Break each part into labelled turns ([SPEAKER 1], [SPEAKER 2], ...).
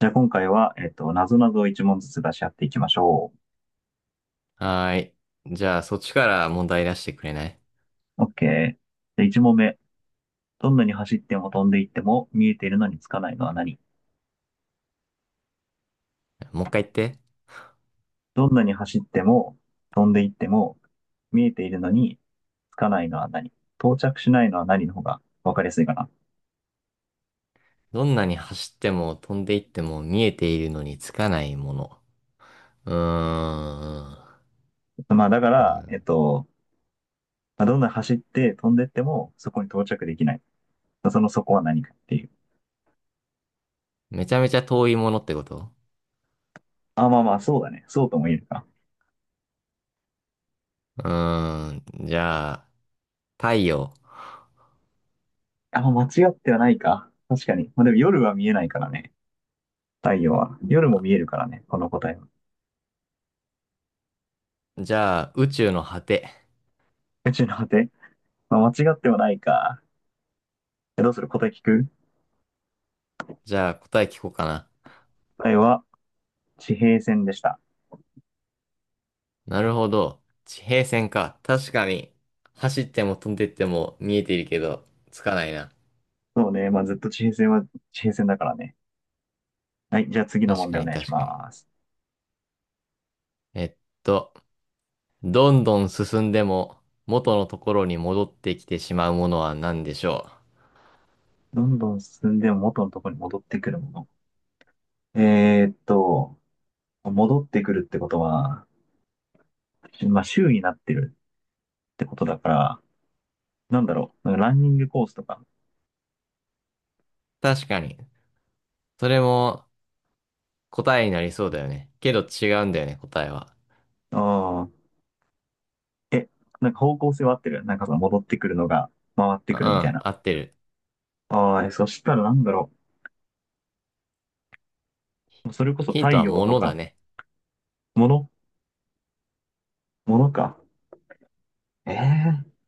[SPEAKER 1] じゃあ今回は、なぞなぞを一問ずつ出し合っていきましょ
[SPEAKER 2] はーい。じゃあ、そっちから問題出してくれない？
[SPEAKER 1] う。OK。で、一問目。どんなに走っても飛んでいっても見えているのにつかないのは何？
[SPEAKER 2] もう一回言って。
[SPEAKER 1] どんなに走っても飛んでいっても見えているのにつかないのは何？到着しないのは何の方がわかりやすいかな。
[SPEAKER 2] どんなに走っても飛んでいっても見えているのにつかないもの。うーん。
[SPEAKER 1] まあだか
[SPEAKER 2] う
[SPEAKER 1] ら、
[SPEAKER 2] ん、
[SPEAKER 1] まあ、どんなに走って飛んでいってもそこに到着できない。そこは何かっていう。
[SPEAKER 2] めちゃめちゃ遠いものってこと？
[SPEAKER 1] あ、まあまあ、そうだね。そうとも言えるか。
[SPEAKER 2] うーん。じゃあ、太陽。
[SPEAKER 1] あ、間違ってはないか。確かに。まあでも夜は見えないからね。太陽は。夜も見えるからね、この答えは。
[SPEAKER 2] じゃあ、宇宙の果て。
[SPEAKER 1] 宇宙の果て。まあ、間違ってはないか。どうする？答え聞く？
[SPEAKER 2] じゃあ、答え聞こうかな。
[SPEAKER 1] 答えは、地平線でした。
[SPEAKER 2] なるほど。地平線か。確かに。走っても飛んでいっても見えているけど、つかないな。
[SPEAKER 1] そうね、まあ、ずっと地平線は地平線だからね。はい、じゃあ次の
[SPEAKER 2] 確
[SPEAKER 1] 問
[SPEAKER 2] か
[SPEAKER 1] 題お
[SPEAKER 2] に
[SPEAKER 1] 願いし
[SPEAKER 2] 確かに。
[SPEAKER 1] ます。
[SPEAKER 2] えっとどんどん進んでも元のところに戻ってきてしまうものは何でしょう。
[SPEAKER 1] どんどん進んでも元のところに戻ってくるもの。えーっと、戻ってくるってことは、まあ、周になってるってことだから、なんだろう、なんかランニングコースとか。
[SPEAKER 2] 確かに。それも答えになりそうだよね。けど違うんだよね、答えは。
[SPEAKER 1] ああ、え、なんか方向性は合ってる。なんかその戻ってくるのが回って
[SPEAKER 2] うん、
[SPEAKER 1] くるみたい
[SPEAKER 2] 合
[SPEAKER 1] な。
[SPEAKER 2] ってる。
[SPEAKER 1] ああ、そしたらなんだろう。それこそ
[SPEAKER 2] ヒン
[SPEAKER 1] 太
[SPEAKER 2] トは
[SPEAKER 1] 陽と
[SPEAKER 2] 物だ
[SPEAKER 1] か、
[SPEAKER 2] ね。
[SPEAKER 1] もの、ものか。ええ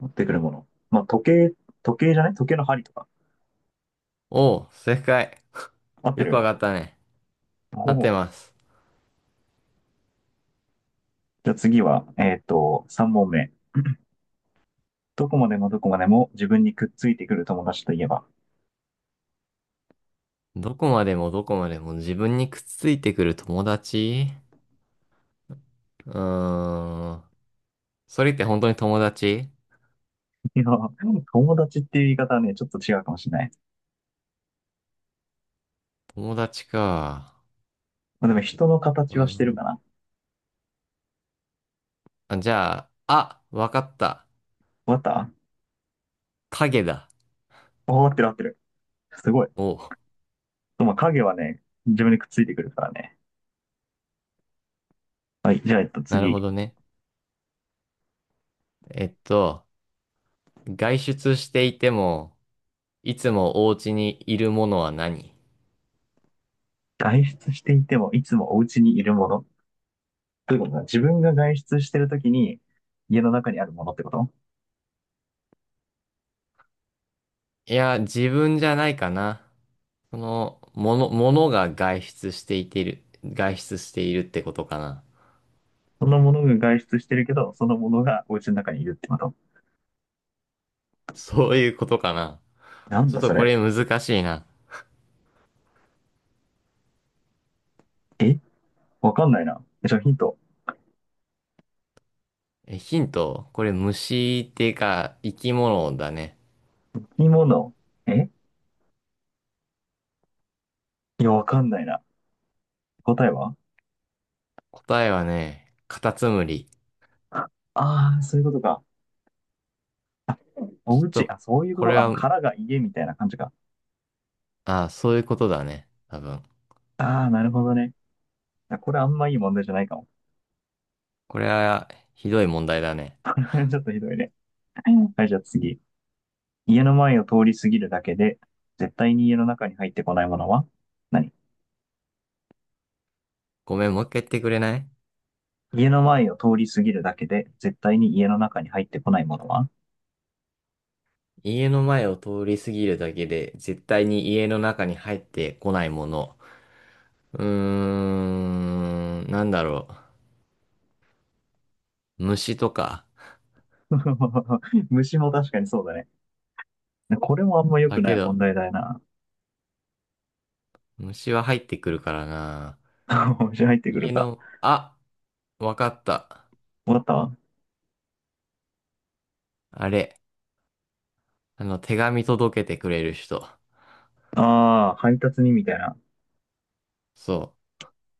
[SPEAKER 1] 持ってくるもの。まあ、時計、時計じゃない時計の針とか。
[SPEAKER 2] おう、正解。
[SPEAKER 1] 合って
[SPEAKER 2] よくわ
[SPEAKER 1] る？
[SPEAKER 2] かったね。合
[SPEAKER 1] お
[SPEAKER 2] って
[SPEAKER 1] お。
[SPEAKER 2] ます。
[SPEAKER 1] じゃあ次は、3問目。どこまでもどこまでも自分にくっついてくる友達といえば。
[SPEAKER 2] どこまでもどこまでも自分にくっついてくる友達？うーん。それって本当に友達？
[SPEAKER 1] いや、友達っていう言い方はね、ちょっと違うかもしれない。
[SPEAKER 2] 友達か。
[SPEAKER 1] まあ、でも人の
[SPEAKER 2] う
[SPEAKER 1] 形はしてる
[SPEAKER 2] ん。
[SPEAKER 1] かな。
[SPEAKER 2] あ、じゃあ、あ、わかった。
[SPEAKER 1] わかった？
[SPEAKER 2] 影だ。
[SPEAKER 1] あ、合ってる、合ってる。すごい。
[SPEAKER 2] おう。
[SPEAKER 1] まあ、影はね、自分にくっついてくるからね。はい、じゃあ、
[SPEAKER 2] なるほ
[SPEAKER 1] 次。
[SPEAKER 2] どね。えっと、外出していても、いつもお家にいるものは何？
[SPEAKER 1] 外出していてもいつもお家にいるもの。ということは、自分が外出してるときに家の中にあるものってこと？
[SPEAKER 2] いや、自分じゃないかな。その、もの、ものが外出していている、外出しているってことかな。
[SPEAKER 1] そのものが外出してるけど、そのものがお家の中にいるってこと？
[SPEAKER 2] そういうことかな。
[SPEAKER 1] なん
[SPEAKER 2] ちょっ
[SPEAKER 1] だ
[SPEAKER 2] と
[SPEAKER 1] そ
[SPEAKER 2] これ
[SPEAKER 1] れ。
[SPEAKER 2] 難しいな。
[SPEAKER 1] えわかんないな。え、ちょ、ヒント。
[SPEAKER 2] え、ヒント、これ虫っていうか、生き物だね。
[SPEAKER 1] 生き物。えいや、わかんないな。答えは？
[SPEAKER 2] 答えはね、カタツムリ。
[SPEAKER 1] ああー、そういうことか。
[SPEAKER 2] ちょ
[SPEAKER 1] お
[SPEAKER 2] っ
[SPEAKER 1] 家、
[SPEAKER 2] と、
[SPEAKER 1] あ、そういうこ
[SPEAKER 2] これ
[SPEAKER 1] と。あの、
[SPEAKER 2] は、
[SPEAKER 1] 殻が家みたいな感じか。
[SPEAKER 2] あ、そういうことだね。多分。
[SPEAKER 1] ああ、なるほどね。あ、これあんまいい問題じゃないかも。
[SPEAKER 2] これは、ひどい問題だね。
[SPEAKER 1] ちょっとひどいね。はい、じゃあ次。家の前を通り過ぎるだけで、絶対に家の中に入ってこないものは何？
[SPEAKER 2] ごめん、もう一回言ってくれない？
[SPEAKER 1] 家の前を通り過ぎるだけで、絶対に家の中に入ってこないものは？
[SPEAKER 2] 家の前を通り過ぎるだけで、絶対に家の中に入ってこないもの。うーん、なんだろう。虫とか。
[SPEAKER 1] 虫も確かにそうだね。これもあんま良
[SPEAKER 2] だ
[SPEAKER 1] くな
[SPEAKER 2] け
[SPEAKER 1] い問
[SPEAKER 2] ど、
[SPEAKER 1] 題だよな。
[SPEAKER 2] 虫は入ってくるからな。
[SPEAKER 1] 虫入ってく
[SPEAKER 2] 家
[SPEAKER 1] るか。
[SPEAKER 2] の、あ、わかった。
[SPEAKER 1] わかったわ。
[SPEAKER 2] あれ、あの、手紙届けてくれる人。
[SPEAKER 1] ああ、配達にみたいな。
[SPEAKER 2] そ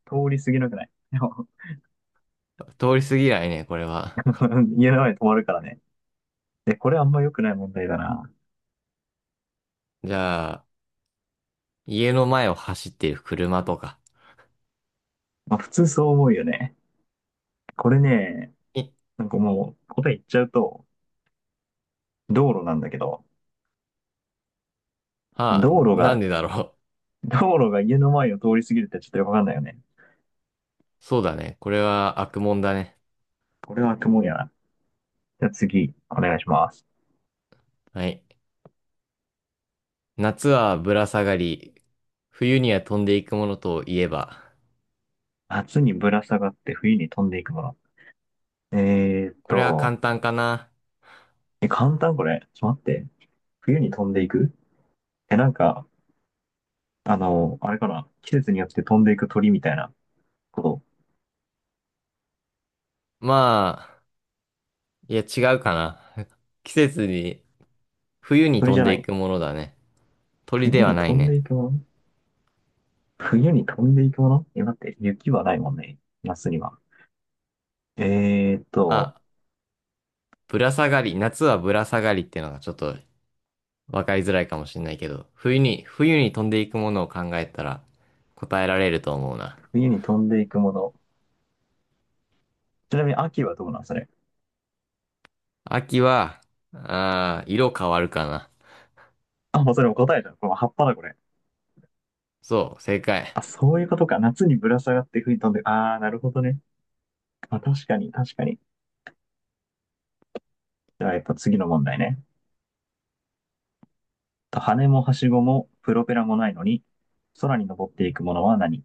[SPEAKER 1] 通り過ぎなくない？
[SPEAKER 2] う。通り過ぎないね、これは。
[SPEAKER 1] 家の前に止まるからね。で、これあんま良くない問題だな。
[SPEAKER 2] じゃあ、家の前を走っている車とか。
[SPEAKER 1] まあ普通そう思うよね。これね、
[SPEAKER 2] え、
[SPEAKER 1] なんかもう答え言っちゃうと、道路なんだけど、
[SPEAKER 2] はあ、
[SPEAKER 1] 道路
[SPEAKER 2] なん
[SPEAKER 1] が
[SPEAKER 2] でだろう。
[SPEAKER 1] 道路が家の前を通り過ぎるってちょっとよくわかんないよね。
[SPEAKER 2] そうだね。これは悪もんだね。
[SPEAKER 1] これは雲やな。じゃあ次、お願いします。
[SPEAKER 2] はい。夏はぶら下がり、冬には飛んでいくものといえば。
[SPEAKER 1] 夏にぶら下がって冬に飛んでいくもの。えーっ
[SPEAKER 2] これは
[SPEAKER 1] と、
[SPEAKER 2] 簡単かな。
[SPEAKER 1] え、簡単これ。ちょっと待って。冬に飛んでいく。なんか、あれかな。季節によって飛んでいく鳥みたいなこと。
[SPEAKER 2] まあ、いや違うかな。季節に、冬に
[SPEAKER 1] 鳥
[SPEAKER 2] 飛
[SPEAKER 1] じ
[SPEAKER 2] ん
[SPEAKER 1] ゃ
[SPEAKER 2] で
[SPEAKER 1] な
[SPEAKER 2] い
[SPEAKER 1] い？
[SPEAKER 2] くものだね。鳥
[SPEAKER 1] 冬
[SPEAKER 2] では
[SPEAKER 1] に
[SPEAKER 2] な
[SPEAKER 1] 飛
[SPEAKER 2] い
[SPEAKER 1] ん
[SPEAKER 2] ね。
[SPEAKER 1] でいくもの。冬に飛んでいくもの。待って、雪はないもんね。夏には。えーっ
[SPEAKER 2] ま
[SPEAKER 1] と、
[SPEAKER 2] あ、ぶら下がり、夏はぶら下がりっていうのがちょっとわかりづらいかもしれないけど、冬に飛んでいくものを考えたら答えられると思うな。
[SPEAKER 1] 冬に飛んでいくもの。ちなみに秋はどうなんそれ？
[SPEAKER 2] 秋は、ああ、色変わるかな。
[SPEAKER 1] あ、もうそれも答えじゃん。これも葉っぱだ、これ。
[SPEAKER 2] そう、正解。
[SPEAKER 1] あ、そういうことか。夏にぶら下がって吹い飛んで、ああ、なるほどね。まあ、確かに、確かに。じゃあ、やっぱ次の問題ね。羽もはしごもプロペラもないのに、空に登っていくものは何い？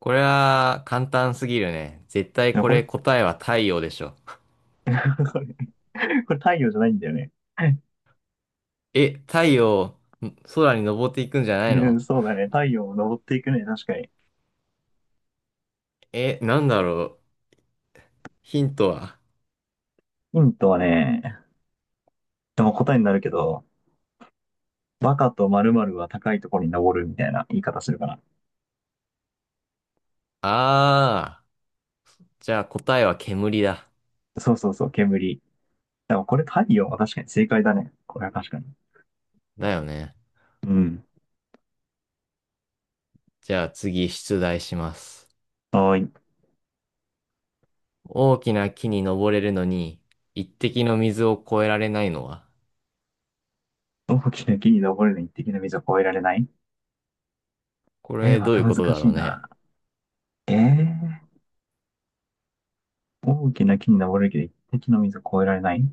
[SPEAKER 2] これは簡単すぎるね。絶対
[SPEAKER 1] や
[SPEAKER 2] こ
[SPEAKER 1] こ
[SPEAKER 2] れ
[SPEAKER 1] れ、
[SPEAKER 2] 答えは太陽でしょ。
[SPEAKER 1] これこれ太陽じゃないんだよね。
[SPEAKER 2] え、太陽、ん、空に登っていくんじゃない
[SPEAKER 1] う
[SPEAKER 2] の？
[SPEAKER 1] ん、そうだね。太陽を登っていくね。確かに。
[SPEAKER 2] え、なんだろう。ヒントは。
[SPEAKER 1] ヒントはね、でも答えになるけど、バカと〇〇は高いところに登るみたいな言い方するかな。
[SPEAKER 2] あー、じゃあ答えは煙だ。
[SPEAKER 1] そうそうそう、煙。でもこれ太陽は確かに正解だね。これは確かに。
[SPEAKER 2] だよね。
[SPEAKER 1] うん。
[SPEAKER 2] じゃあ次出題します。
[SPEAKER 1] はーい。
[SPEAKER 2] 大きな木に登れるのに、一滴の水を越えられないのは。
[SPEAKER 1] 大きな木に登るのに一滴の水を越えられない？
[SPEAKER 2] こ
[SPEAKER 1] えー、
[SPEAKER 2] れ
[SPEAKER 1] ま
[SPEAKER 2] どうい
[SPEAKER 1] た
[SPEAKER 2] うこ
[SPEAKER 1] 難
[SPEAKER 2] とだ
[SPEAKER 1] し
[SPEAKER 2] ろう
[SPEAKER 1] い
[SPEAKER 2] ね。
[SPEAKER 1] な。えー、大きな木に登るけど一滴の水を越えられない。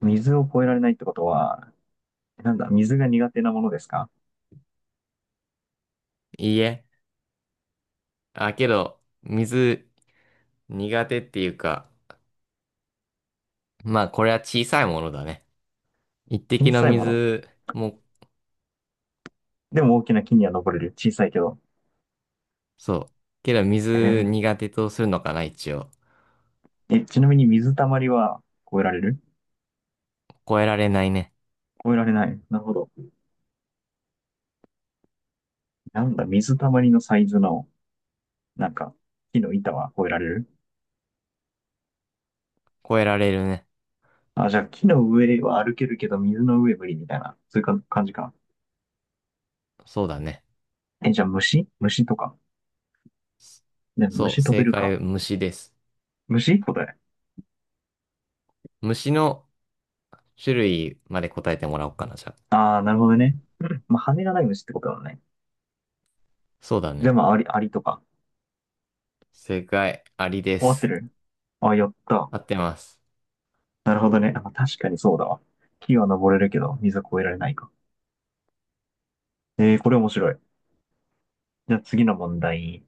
[SPEAKER 1] 水を越えられないってことは、なんだ、水が苦手なものですか？
[SPEAKER 2] いいえ。あ、けど、水苦手っていうか、まあこれは小さいものだね。一滴
[SPEAKER 1] 小
[SPEAKER 2] の
[SPEAKER 1] さいもの。
[SPEAKER 2] 水も、
[SPEAKER 1] でも大きな木には登れる。小さいけど。
[SPEAKER 2] そう。けど水
[SPEAKER 1] え
[SPEAKER 2] 苦手とするのかな、一応。
[SPEAKER 1] ちなみに水たまりは越えられる？
[SPEAKER 2] 超えられないね。
[SPEAKER 1] 越えられない。なるほど。なんだ、水たまりのサイズの、なんか、木の板は越えられる？
[SPEAKER 2] 超えられるね。
[SPEAKER 1] あ、じゃあ木の上は歩けるけど水の上無理みたいな。そういうか感じか
[SPEAKER 2] そうだね。
[SPEAKER 1] な。え、じゃあ虫とか。でも
[SPEAKER 2] そう、
[SPEAKER 1] 虫飛
[SPEAKER 2] 正
[SPEAKER 1] べるか。
[SPEAKER 2] 解、虫です。
[SPEAKER 1] 虫答え？
[SPEAKER 2] 虫の種類まで答えてもらおうかな、じゃあ。
[SPEAKER 1] ああ、なるほどね。うん、まあ、羽がない虫ってことだもんね。
[SPEAKER 2] そうだ
[SPEAKER 1] じゃ
[SPEAKER 2] ね。
[SPEAKER 1] あまあ、アリとか。
[SPEAKER 2] 正解、アリで
[SPEAKER 1] 終わって
[SPEAKER 2] す。
[SPEAKER 1] る？あ、やった。
[SPEAKER 2] 合ってます。
[SPEAKER 1] なるほどね。あ、確かにそうだわ。木は登れるけど、水は越えられないか。えー、これ面白い。じゃあ次の問題。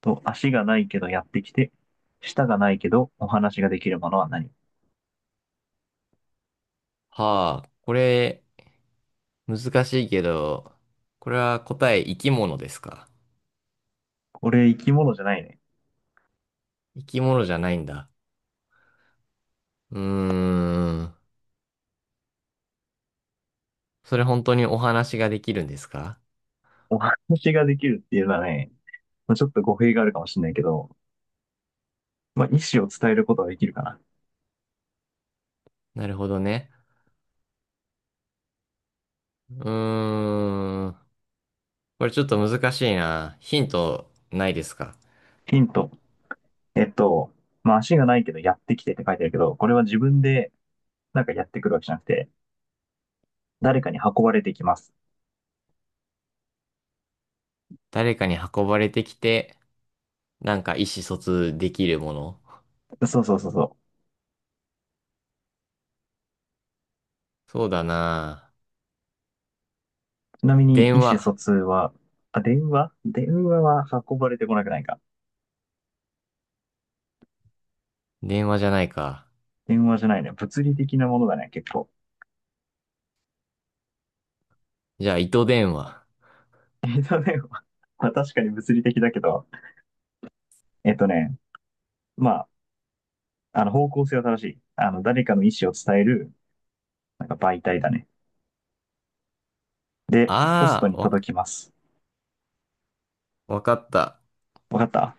[SPEAKER 1] と、足がないけどやってきて、舌がないけどお話ができるものは何？
[SPEAKER 2] はあ、これ、難しいけど、これは答え、生き物ですか？
[SPEAKER 1] これ生き物じゃないね。
[SPEAKER 2] 生き物じゃないんだ。うーん。それ本当にお話ができるんですか？
[SPEAKER 1] お話ができるっていうのはね、まあ、ちょっと語弊があるかもしれないけど、まあ、意思を伝えることができるかな。
[SPEAKER 2] なるほどね。うーん。これちょっと難しいな。ヒントないですか？
[SPEAKER 1] ヒント。えっと、まあ、足がないけどやってきてって書いてあるけど、これは自分でなんかやってくるわけじゃなくて、誰かに運ばれてきます。
[SPEAKER 2] 誰かに運ばれてきて、なんか意思疎通できるもの？
[SPEAKER 1] そうそうそうそう。
[SPEAKER 2] そうだな。
[SPEAKER 1] ちなみに
[SPEAKER 2] 電
[SPEAKER 1] 意思疎
[SPEAKER 2] 話。
[SPEAKER 1] 通は、あ、電話、電話は運ばれてこなくないか。
[SPEAKER 2] 電話じゃないか。
[SPEAKER 1] 電話じゃないね。物理的なものだね、結構。
[SPEAKER 2] じゃあ、糸電話。
[SPEAKER 1] えっとね、まあ確かに物理的だけど、えっとね、まあ、あの方向性は正しい。誰かの意思を伝える、なんか媒体だね。で、ポスト
[SPEAKER 2] ああ、
[SPEAKER 1] に
[SPEAKER 2] わか、
[SPEAKER 1] 届きます。
[SPEAKER 2] わかった。
[SPEAKER 1] わかった？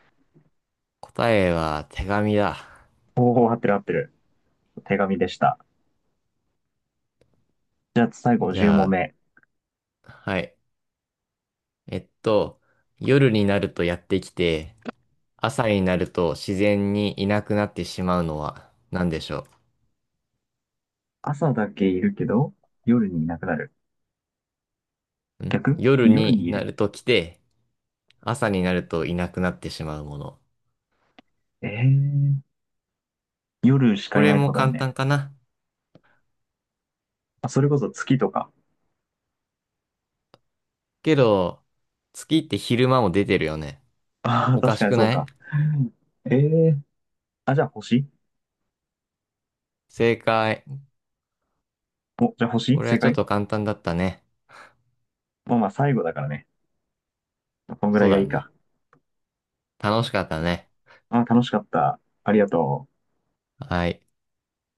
[SPEAKER 2] 答えは手紙だ。
[SPEAKER 1] おお、合ってる、合ってる。手紙でした。じゃあ最後
[SPEAKER 2] じ
[SPEAKER 1] 10問
[SPEAKER 2] ゃ
[SPEAKER 1] 目。
[SPEAKER 2] あ、はい。えっと、夜になるとやってきて、朝になると自然にいなくなってしまうのは何でしょ
[SPEAKER 1] 朝だけいるけど、夜にいなくなる。
[SPEAKER 2] う？ん、
[SPEAKER 1] 逆。
[SPEAKER 2] 夜
[SPEAKER 1] 夜
[SPEAKER 2] に
[SPEAKER 1] にい
[SPEAKER 2] なる
[SPEAKER 1] る。
[SPEAKER 2] と来て、朝になるといなくなってしまうもの。
[SPEAKER 1] ええー、夜し
[SPEAKER 2] こ
[SPEAKER 1] かいな
[SPEAKER 2] れ
[SPEAKER 1] いって
[SPEAKER 2] も
[SPEAKER 1] ことだよ
[SPEAKER 2] 簡
[SPEAKER 1] ね。
[SPEAKER 2] 単かな。
[SPEAKER 1] あ、それこそ月とか。
[SPEAKER 2] けど、月って昼間も出てるよね。
[SPEAKER 1] ああ、
[SPEAKER 2] おか
[SPEAKER 1] 確
[SPEAKER 2] し
[SPEAKER 1] かに
[SPEAKER 2] く
[SPEAKER 1] そう
[SPEAKER 2] ない？
[SPEAKER 1] か。ええー、あ、じゃあ星？
[SPEAKER 2] 正解。
[SPEAKER 1] お、じゃあ
[SPEAKER 2] こ
[SPEAKER 1] 星、
[SPEAKER 2] れは
[SPEAKER 1] 正
[SPEAKER 2] ちょっ
[SPEAKER 1] 解？
[SPEAKER 2] と簡単だったね。
[SPEAKER 1] まあまあ最後だからね。こんぐ
[SPEAKER 2] そ
[SPEAKER 1] ら
[SPEAKER 2] う
[SPEAKER 1] いが
[SPEAKER 2] だ
[SPEAKER 1] いい
[SPEAKER 2] ね。
[SPEAKER 1] か。
[SPEAKER 2] 楽しかったね。
[SPEAKER 1] あー、楽しかった。ありがとう。
[SPEAKER 2] はい。